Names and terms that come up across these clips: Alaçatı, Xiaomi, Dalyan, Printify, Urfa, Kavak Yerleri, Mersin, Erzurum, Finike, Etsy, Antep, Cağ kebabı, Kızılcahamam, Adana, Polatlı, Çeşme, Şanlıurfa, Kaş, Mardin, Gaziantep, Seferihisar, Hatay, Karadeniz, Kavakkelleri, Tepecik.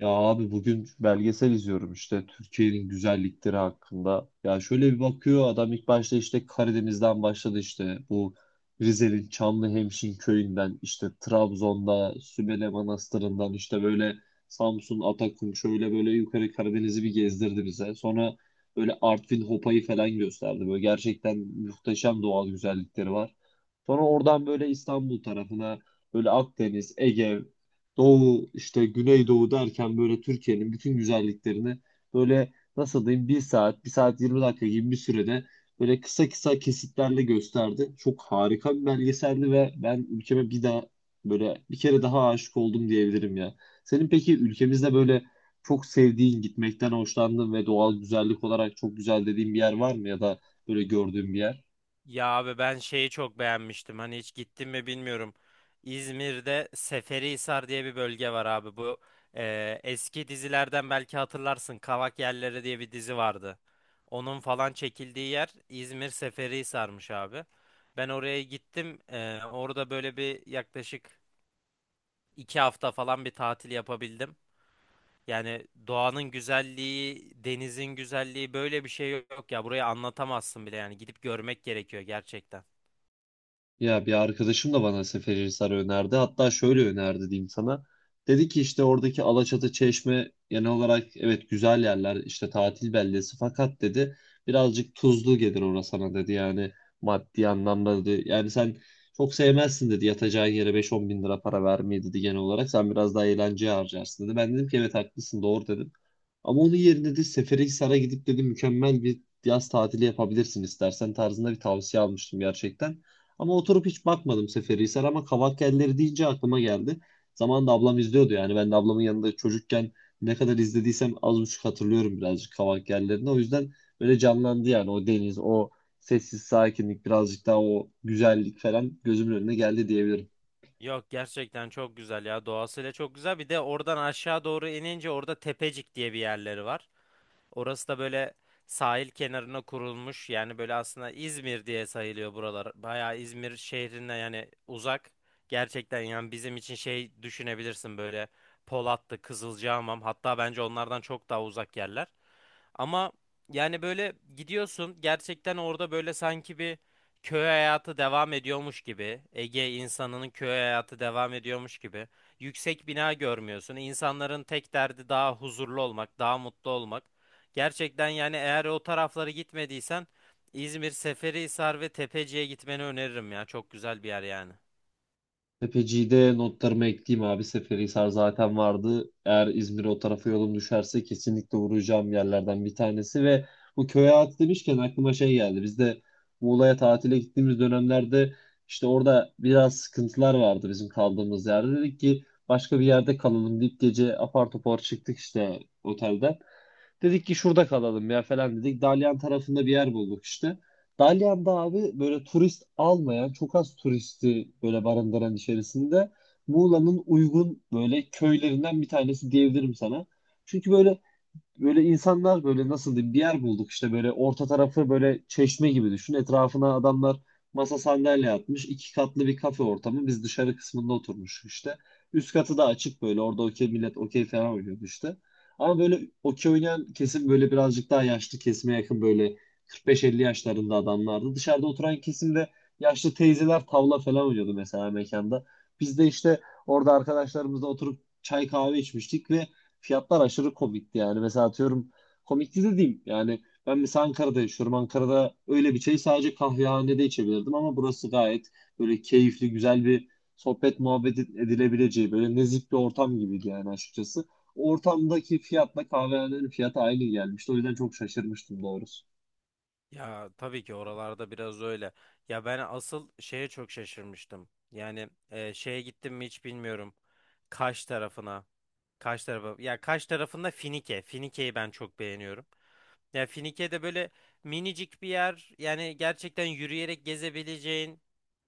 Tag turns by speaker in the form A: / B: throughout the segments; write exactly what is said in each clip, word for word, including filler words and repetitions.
A: Ya abi bugün belgesel izliyorum işte Türkiye'nin güzellikleri hakkında. Ya şöyle bir bakıyor adam ilk başta işte Karadeniz'den başladı işte bu Rize'nin Çamlıhemşin köyünden işte Trabzon'da Sümele Manastırı'ndan işte böyle Samsun, Atakum şöyle böyle yukarı Karadeniz'i bir gezdirdi bize. Sonra böyle Artvin Hopa'yı falan gösterdi. Böyle gerçekten muhteşem doğal güzellikleri var. Sonra oradan böyle İstanbul tarafına böyle Akdeniz, Ege, Doğu işte Güneydoğu derken böyle Türkiye'nin bütün güzelliklerini böyle nasıl diyeyim bir saat, bir saat yirmi dakika gibi bir sürede böyle kısa kısa kesitlerle gösterdi. Çok harika bir belgeseldi ve ben ülkeme bir daha böyle bir kere daha aşık oldum diyebilirim ya. Senin peki ülkemizde böyle çok sevdiğin, gitmekten hoşlandığın ve doğal güzellik olarak çok güzel dediğin bir yer var mı ya da böyle gördüğün bir yer?
B: Ya abi ben şeyi çok beğenmiştim. Hani hiç gittim mi bilmiyorum. İzmir'de Seferihisar diye bir bölge var abi. Bu e, eski dizilerden belki hatırlarsın. Kavak Yerleri diye bir dizi vardı. Onun falan çekildiği yer İzmir Seferihisar'mış abi. Ben oraya gittim. E, orada böyle bir yaklaşık iki hafta falan bir tatil yapabildim. Yani doğanın güzelliği, denizin güzelliği böyle bir şey yok ya. Burayı anlatamazsın bile yani. Gidip görmek gerekiyor gerçekten.
A: Ya bir arkadaşım da bana Seferihisar önerdi. Hatta şöyle önerdi diyeyim sana. Dedi ki işte oradaki Alaçatı, Çeşme genel olarak evet güzel yerler işte tatil beldesi, fakat dedi birazcık tuzlu gelir orası sana dedi yani maddi anlamda dedi. Yani sen çok sevmezsin dedi yatacağın yere beş on bin lira bin lira para vermeyi dedi, genel olarak sen biraz daha eğlenceye harcarsın dedi. Ben dedim ki evet haklısın doğru dedim. Ama onun yerine de Seferihisar'a gidip dedi mükemmel bir yaz tatili yapabilirsin istersen tarzında bir tavsiye almıştım gerçekten. Ama oturup hiç bakmadım Seferihisar ama Kavakkelleri deyince aklıma geldi. Zamanında ablam izliyordu yani ben de ablamın yanında çocukken ne kadar izlediysem az buçuk hatırlıyorum birazcık Kavakkellerini. O yüzden böyle canlandı yani o deniz, o sessiz sakinlik, birazcık daha o güzellik falan gözümün önüne geldi diyebilirim.
B: Yok gerçekten çok güzel ya, doğasıyla çok güzel. Bir de oradan aşağı doğru inince orada Tepecik diye bir yerleri var. Orası da böyle sahil kenarına kurulmuş. Yani böyle aslında İzmir diye sayılıyor buralar. Bayağı İzmir şehrine yani uzak. Gerçekten yani bizim için şey düşünebilirsin, böyle Polatlı, Kızılcahamam, hatta bence onlardan çok daha uzak yerler. Ama yani böyle gidiyorsun, gerçekten orada böyle sanki bir köy hayatı devam ediyormuş gibi, Ege insanının köy hayatı devam ediyormuş gibi. Yüksek bina görmüyorsun. İnsanların tek derdi daha huzurlu olmak, daha mutlu olmak. Gerçekten yani eğer o taraflara gitmediysen İzmir, Seferihisar ve Tepeci'ye gitmeni öneririm ya. Çok güzel bir yer yani.
A: Tepeci'de notlarımı ekleyeyim abi. Seferihisar zaten vardı. Eğer İzmir'e o tarafa yolum düşerse kesinlikle uğrayacağım yerlerden bir tanesi, ve bu köy hayatı demişken aklıma şey geldi. Biz de Muğla'ya tatile gittiğimiz dönemlerde işte orada biraz sıkıntılar vardı bizim kaldığımız yerde. Dedik ki başka bir yerde kalalım deyip gece apar topar çıktık işte otelden. Dedik ki şurada kalalım ya falan dedik. Dalyan tarafında bir yer bulduk işte. Dalyan'da abi böyle turist almayan, çok az turisti böyle barındıran içerisinde Muğla'nın uygun böyle köylerinden bir tanesi diyebilirim sana. Çünkü böyle Böyle insanlar böyle nasıl diyeyim bir yer bulduk işte, böyle orta tarafı böyle çeşme gibi düşün. Etrafına adamlar masa sandalye atmış. İki katlı bir kafe ortamı. Biz dışarı kısmında oturmuş işte. Üst katı da açık, böyle orada okey millet okey falan oynuyordu işte. Ama böyle okey oynayan kesim böyle birazcık daha yaşlı kesime yakın, böyle kırk beş elli yaşlarında adamlardı. Dışarıda oturan kesimde yaşlı teyzeler tavla falan oynuyordu mesela mekanda. Biz de işte orada arkadaşlarımızla oturup çay kahve içmiştik ve fiyatlar aşırı komikti yani. Mesela atıyorum komikti de diyeyim. Yani ben mesela Ankara'da yaşıyorum. Ankara'da öyle bir çayı sadece kahvehanede içebilirdim ama burası gayet böyle keyifli, güzel bir sohbet muhabbet edilebileceği böyle nezih bir ortam gibiydi yani açıkçası. Ortamdaki fiyatla kahvehanenin fiyatı aynı gelmişti. O yüzden çok şaşırmıştım doğrusu.
B: Ya tabii ki oralarda biraz öyle. Ya ben asıl şeye çok şaşırmıştım. Yani e, şeye gittim mi hiç bilmiyorum. Kaş tarafına. Kaş tarafı. Ya Kaş tarafında Finike. Finike'yi ben çok beğeniyorum. Ya Finike'de böyle minicik bir yer. Yani gerçekten yürüyerek gezebileceğin.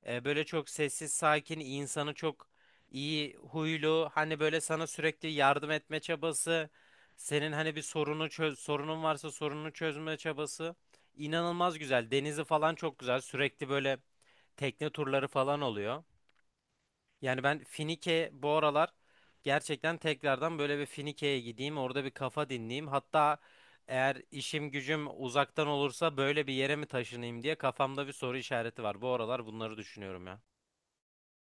B: e, Böyle çok sessiz, sakin, insanı çok iyi huylu. Hani böyle sana sürekli yardım etme çabası. Senin hani bir sorunu çöz, sorunun varsa sorununu çözme çabası. İnanılmaz güzel. Denizi falan çok güzel. Sürekli böyle tekne turları falan oluyor. Yani ben Finike bu aralar gerçekten tekrardan, böyle bir Finike'ye gideyim. Orada bir kafa dinleyeyim. Hatta eğer işim gücüm uzaktan olursa böyle bir yere mi taşınayım diye kafamda bir soru işareti var. Bu aralar bunları düşünüyorum ya.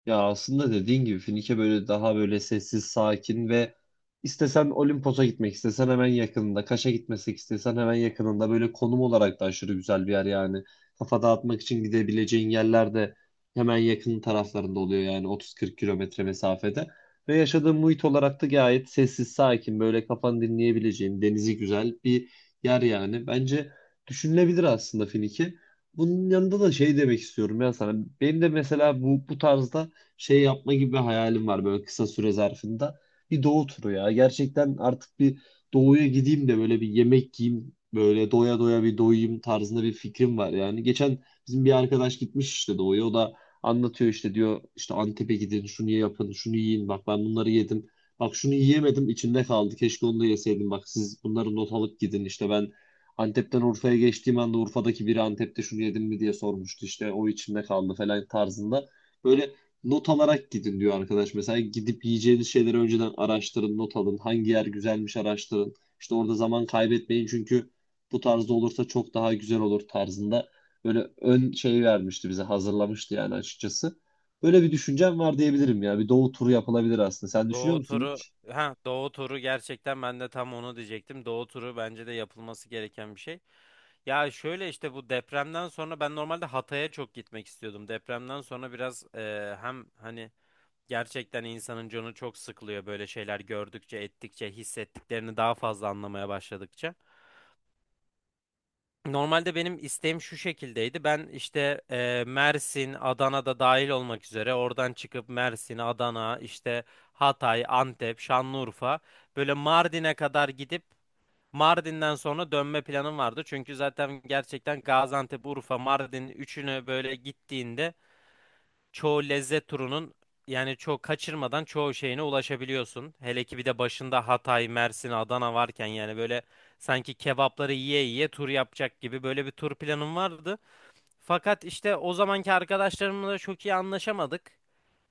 A: Ya aslında dediğin gibi Finike böyle daha böyle sessiz, sakin ve istesen Olimpos'a gitmek istesen hemen yakınında, Kaş'a gitmesek istesen hemen yakınında, böyle konum olarak da aşırı güzel bir yer yani. Kafa dağıtmak için gidebileceğin yerler de hemen yakın taraflarında oluyor yani, 30-40 kilometre mesafede. Ve yaşadığın muhit olarak da gayet sessiz, sakin, böyle kafanı dinleyebileceğin, denizi güzel bir yer yani. Bence düşünülebilir aslında Finike. Bunun yanında da şey demek istiyorum ya sana. Benim de mesela bu bu tarzda şey yapma gibi bir hayalim var böyle kısa süre zarfında. Bir doğu turu ya. Gerçekten artık bir doğuya gideyim de böyle bir yemek yiyeyim. Böyle doya doya bir doyayım tarzında bir fikrim var yani. Geçen bizim bir arkadaş gitmiş işte doğuya. O da anlatıyor işte diyor işte Antep'e gidin şunu yapın şunu yiyin bak ben bunları yedim. Bak şunu yiyemedim içimde kaldı. Keşke onu da yeseydim. Bak siz bunları not alıp gidin. İşte ben Antep'ten Urfa'ya geçtiğim anda Urfa'daki biri Antep'te şunu yedim mi diye sormuştu. İşte o içimde kaldı falan tarzında. Böyle not alarak gidin diyor arkadaş. Mesela gidip yiyeceğiniz şeyleri önceden araştırın, not alın. Hangi yer güzelmiş araştırın. İşte orada zaman kaybetmeyin çünkü bu tarzda olursa çok daha güzel olur tarzında. Böyle ön şey vermişti bize, hazırlamıştı yani açıkçası. Böyle bir düşüncem var diyebilirim ya. Bir doğu turu yapılabilir aslında. Sen düşünüyor
B: Doğu
A: musun
B: turu,
A: hiç?
B: ha Doğu turu, gerçekten ben de tam onu diyecektim. Doğu turu bence de yapılması gereken bir şey. Ya şöyle işte bu depremden sonra ben normalde Hatay'a çok gitmek istiyordum. Depremden sonra biraz e, hem hani gerçekten insanın canı çok sıkılıyor böyle şeyler gördükçe, ettikçe, hissettiklerini daha fazla anlamaya başladıkça. Normalde benim isteğim şu şekildeydi. Ben işte e, Mersin, Adana'da dahil olmak üzere oradan çıkıp Mersin, Adana, işte Hatay, Antep, Şanlıurfa, böyle Mardin'e kadar gidip Mardin'den sonra dönme planım vardı. Çünkü zaten gerçekten Gaziantep, Urfa, Mardin üçünü böyle gittiğinde çoğu lezzet turunun, yani çoğu kaçırmadan çoğu şeyine ulaşabiliyorsun. Hele ki bir de başında Hatay, Mersin, Adana varken, yani böyle sanki kebapları yiye yiye tur yapacak gibi böyle bir tur planım vardı. Fakat işte o zamanki arkadaşlarımla da çok iyi anlaşamadık.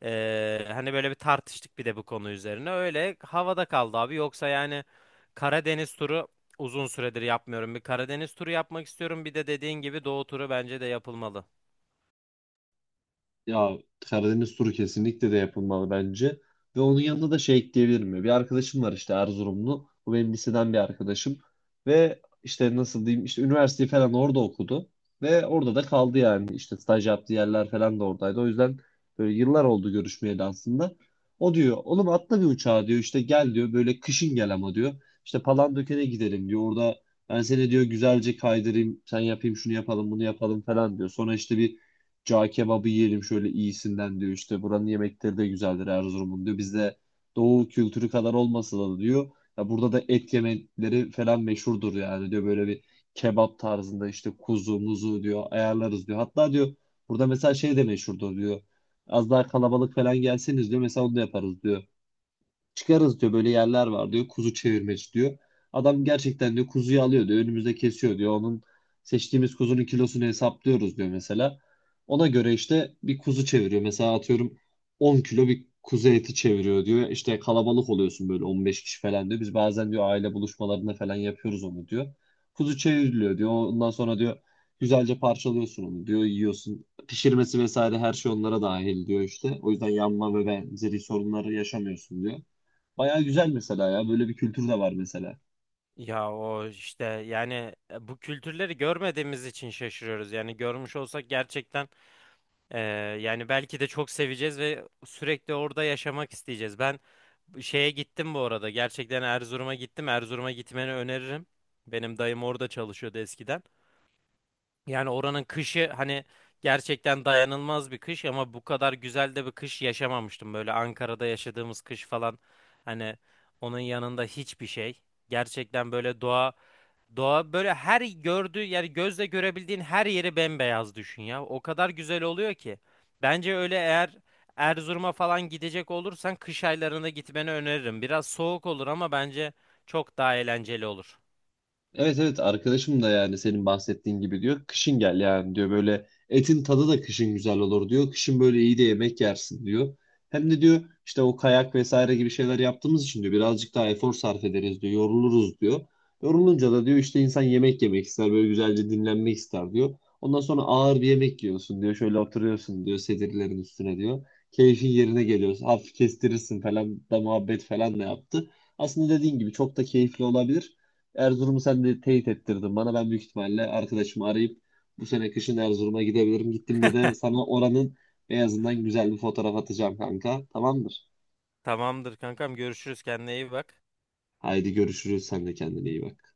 B: Ee, hani böyle bir tartıştık bir de bu konu üzerine. Öyle havada kaldı abi. Yoksa yani Karadeniz turu uzun süredir yapmıyorum. Bir Karadeniz turu yapmak istiyorum. Bir de dediğin gibi Doğu turu bence de yapılmalı.
A: Ya Karadeniz turu kesinlikle de yapılmalı bence. Ve onun yanında da şey ekleyebilir mi? Bir arkadaşım var işte Erzurumlu. Bu benim liseden bir arkadaşım. Ve işte nasıl diyeyim işte üniversiteyi falan orada okudu. Ve orada da kaldı yani. İşte staj yaptığı yerler falan da oradaydı. O yüzden böyle yıllar oldu görüşmeyeli aslında. O diyor oğlum atla bir uçağa diyor işte gel diyor böyle kışın gel ama diyor. İşte Palandöken'e gidelim diyor. Orada ben seni diyor güzelce kaydırayım. Sen yapayım şunu yapalım bunu yapalım falan diyor. Sonra işte bir Cağ kebabı yiyelim şöyle iyisinden diyor. İşte buranın yemekleri de güzeldir Erzurum'un diyor. Bizde doğu kültürü kadar olmasa da diyor. Ya burada da et yemekleri falan meşhurdur yani diyor. Böyle bir kebap tarzında işte kuzu muzu diyor ayarlarız diyor. Hatta diyor burada mesela şey de meşhurdur diyor. Az daha kalabalık falan gelseniz diyor mesela onu da yaparız diyor. Çıkarız diyor böyle yerler var diyor. Kuzu çevirmeci diyor. Adam gerçekten diyor kuzuyu alıyor diyor. Önümüzde kesiyor diyor. Onun seçtiğimiz kuzunun kilosunu hesaplıyoruz diyor mesela. Ona göre işte bir kuzu çeviriyor. Mesela atıyorum 10 kilo bir kuzu eti çeviriyor diyor. İşte kalabalık oluyorsun böyle 15 kişi falan diyor. Biz bazen diyor aile buluşmalarında falan yapıyoruz onu diyor. Kuzu çevriliyor diyor. Ondan sonra diyor güzelce parçalıyorsun onu diyor. Yiyorsun. Pişirmesi vesaire her şey onlara dahil diyor işte. O yüzden yanma ve benzeri sorunları yaşamıyorsun diyor. Bayağı güzel mesela ya. Böyle bir kültür de var mesela.
B: Ya o işte yani, e, bu kültürleri görmediğimiz için şaşırıyoruz. Yani görmüş olsak gerçekten, e, yani belki de çok seveceğiz ve sürekli orada yaşamak isteyeceğiz. Ben bu şeye gittim bu arada. Gerçekten Erzurum'a gittim. Erzurum'a gitmeni öneririm. Benim dayım orada çalışıyordu eskiden. Yani oranın kışı, hani gerçekten dayanılmaz bir kış, ama bu kadar güzel de bir kış yaşamamıştım. Böyle Ankara'da yaşadığımız kış falan, hani onun yanında hiçbir şey. Gerçekten böyle doğa Doğa böyle her gördüğü, yani gözle görebildiğin her yeri bembeyaz düşün ya. O kadar güzel oluyor ki. Bence öyle, eğer Erzurum'a falan gidecek olursan kış aylarında gitmeni öneririm. Biraz soğuk olur ama bence çok daha eğlenceli olur.
A: Evet, evet, arkadaşım da yani senin bahsettiğin gibi diyor. Kışın gel yani diyor böyle etin tadı da kışın güzel olur diyor. Kışın böyle iyi de yemek yersin diyor. Hem de diyor işte o kayak vesaire gibi şeyler yaptığımız için diyor birazcık daha efor sarf ederiz diyor. Yoruluruz diyor. Yorulunca da diyor işte insan yemek yemek ister böyle güzelce dinlenmek ister diyor. Ondan sonra ağır bir yemek yiyorsun diyor. Şöyle oturuyorsun diyor sedirlerin üstüne diyor. Keyfin yerine geliyorsun. Hafif kestirirsin falan da muhabbet falan da yaptı. Aslında dediğin gibi çok da keyifli olabilir. Erzurum'u sen de teyit ettirdin bana. Ben büyük ihtimalle arkadaşımı arayıp bu sene kışın Erzurum'a gidebilirim. Gittiğimde de sana oranın beyazından güzel bir fotoğraf atacağım kanka. Tamamdır.
B: Tamamdır kankam, görüşürüz, kendine iyi bak.
A: Haydi görüşürüz. Sen de kendine iyi bak.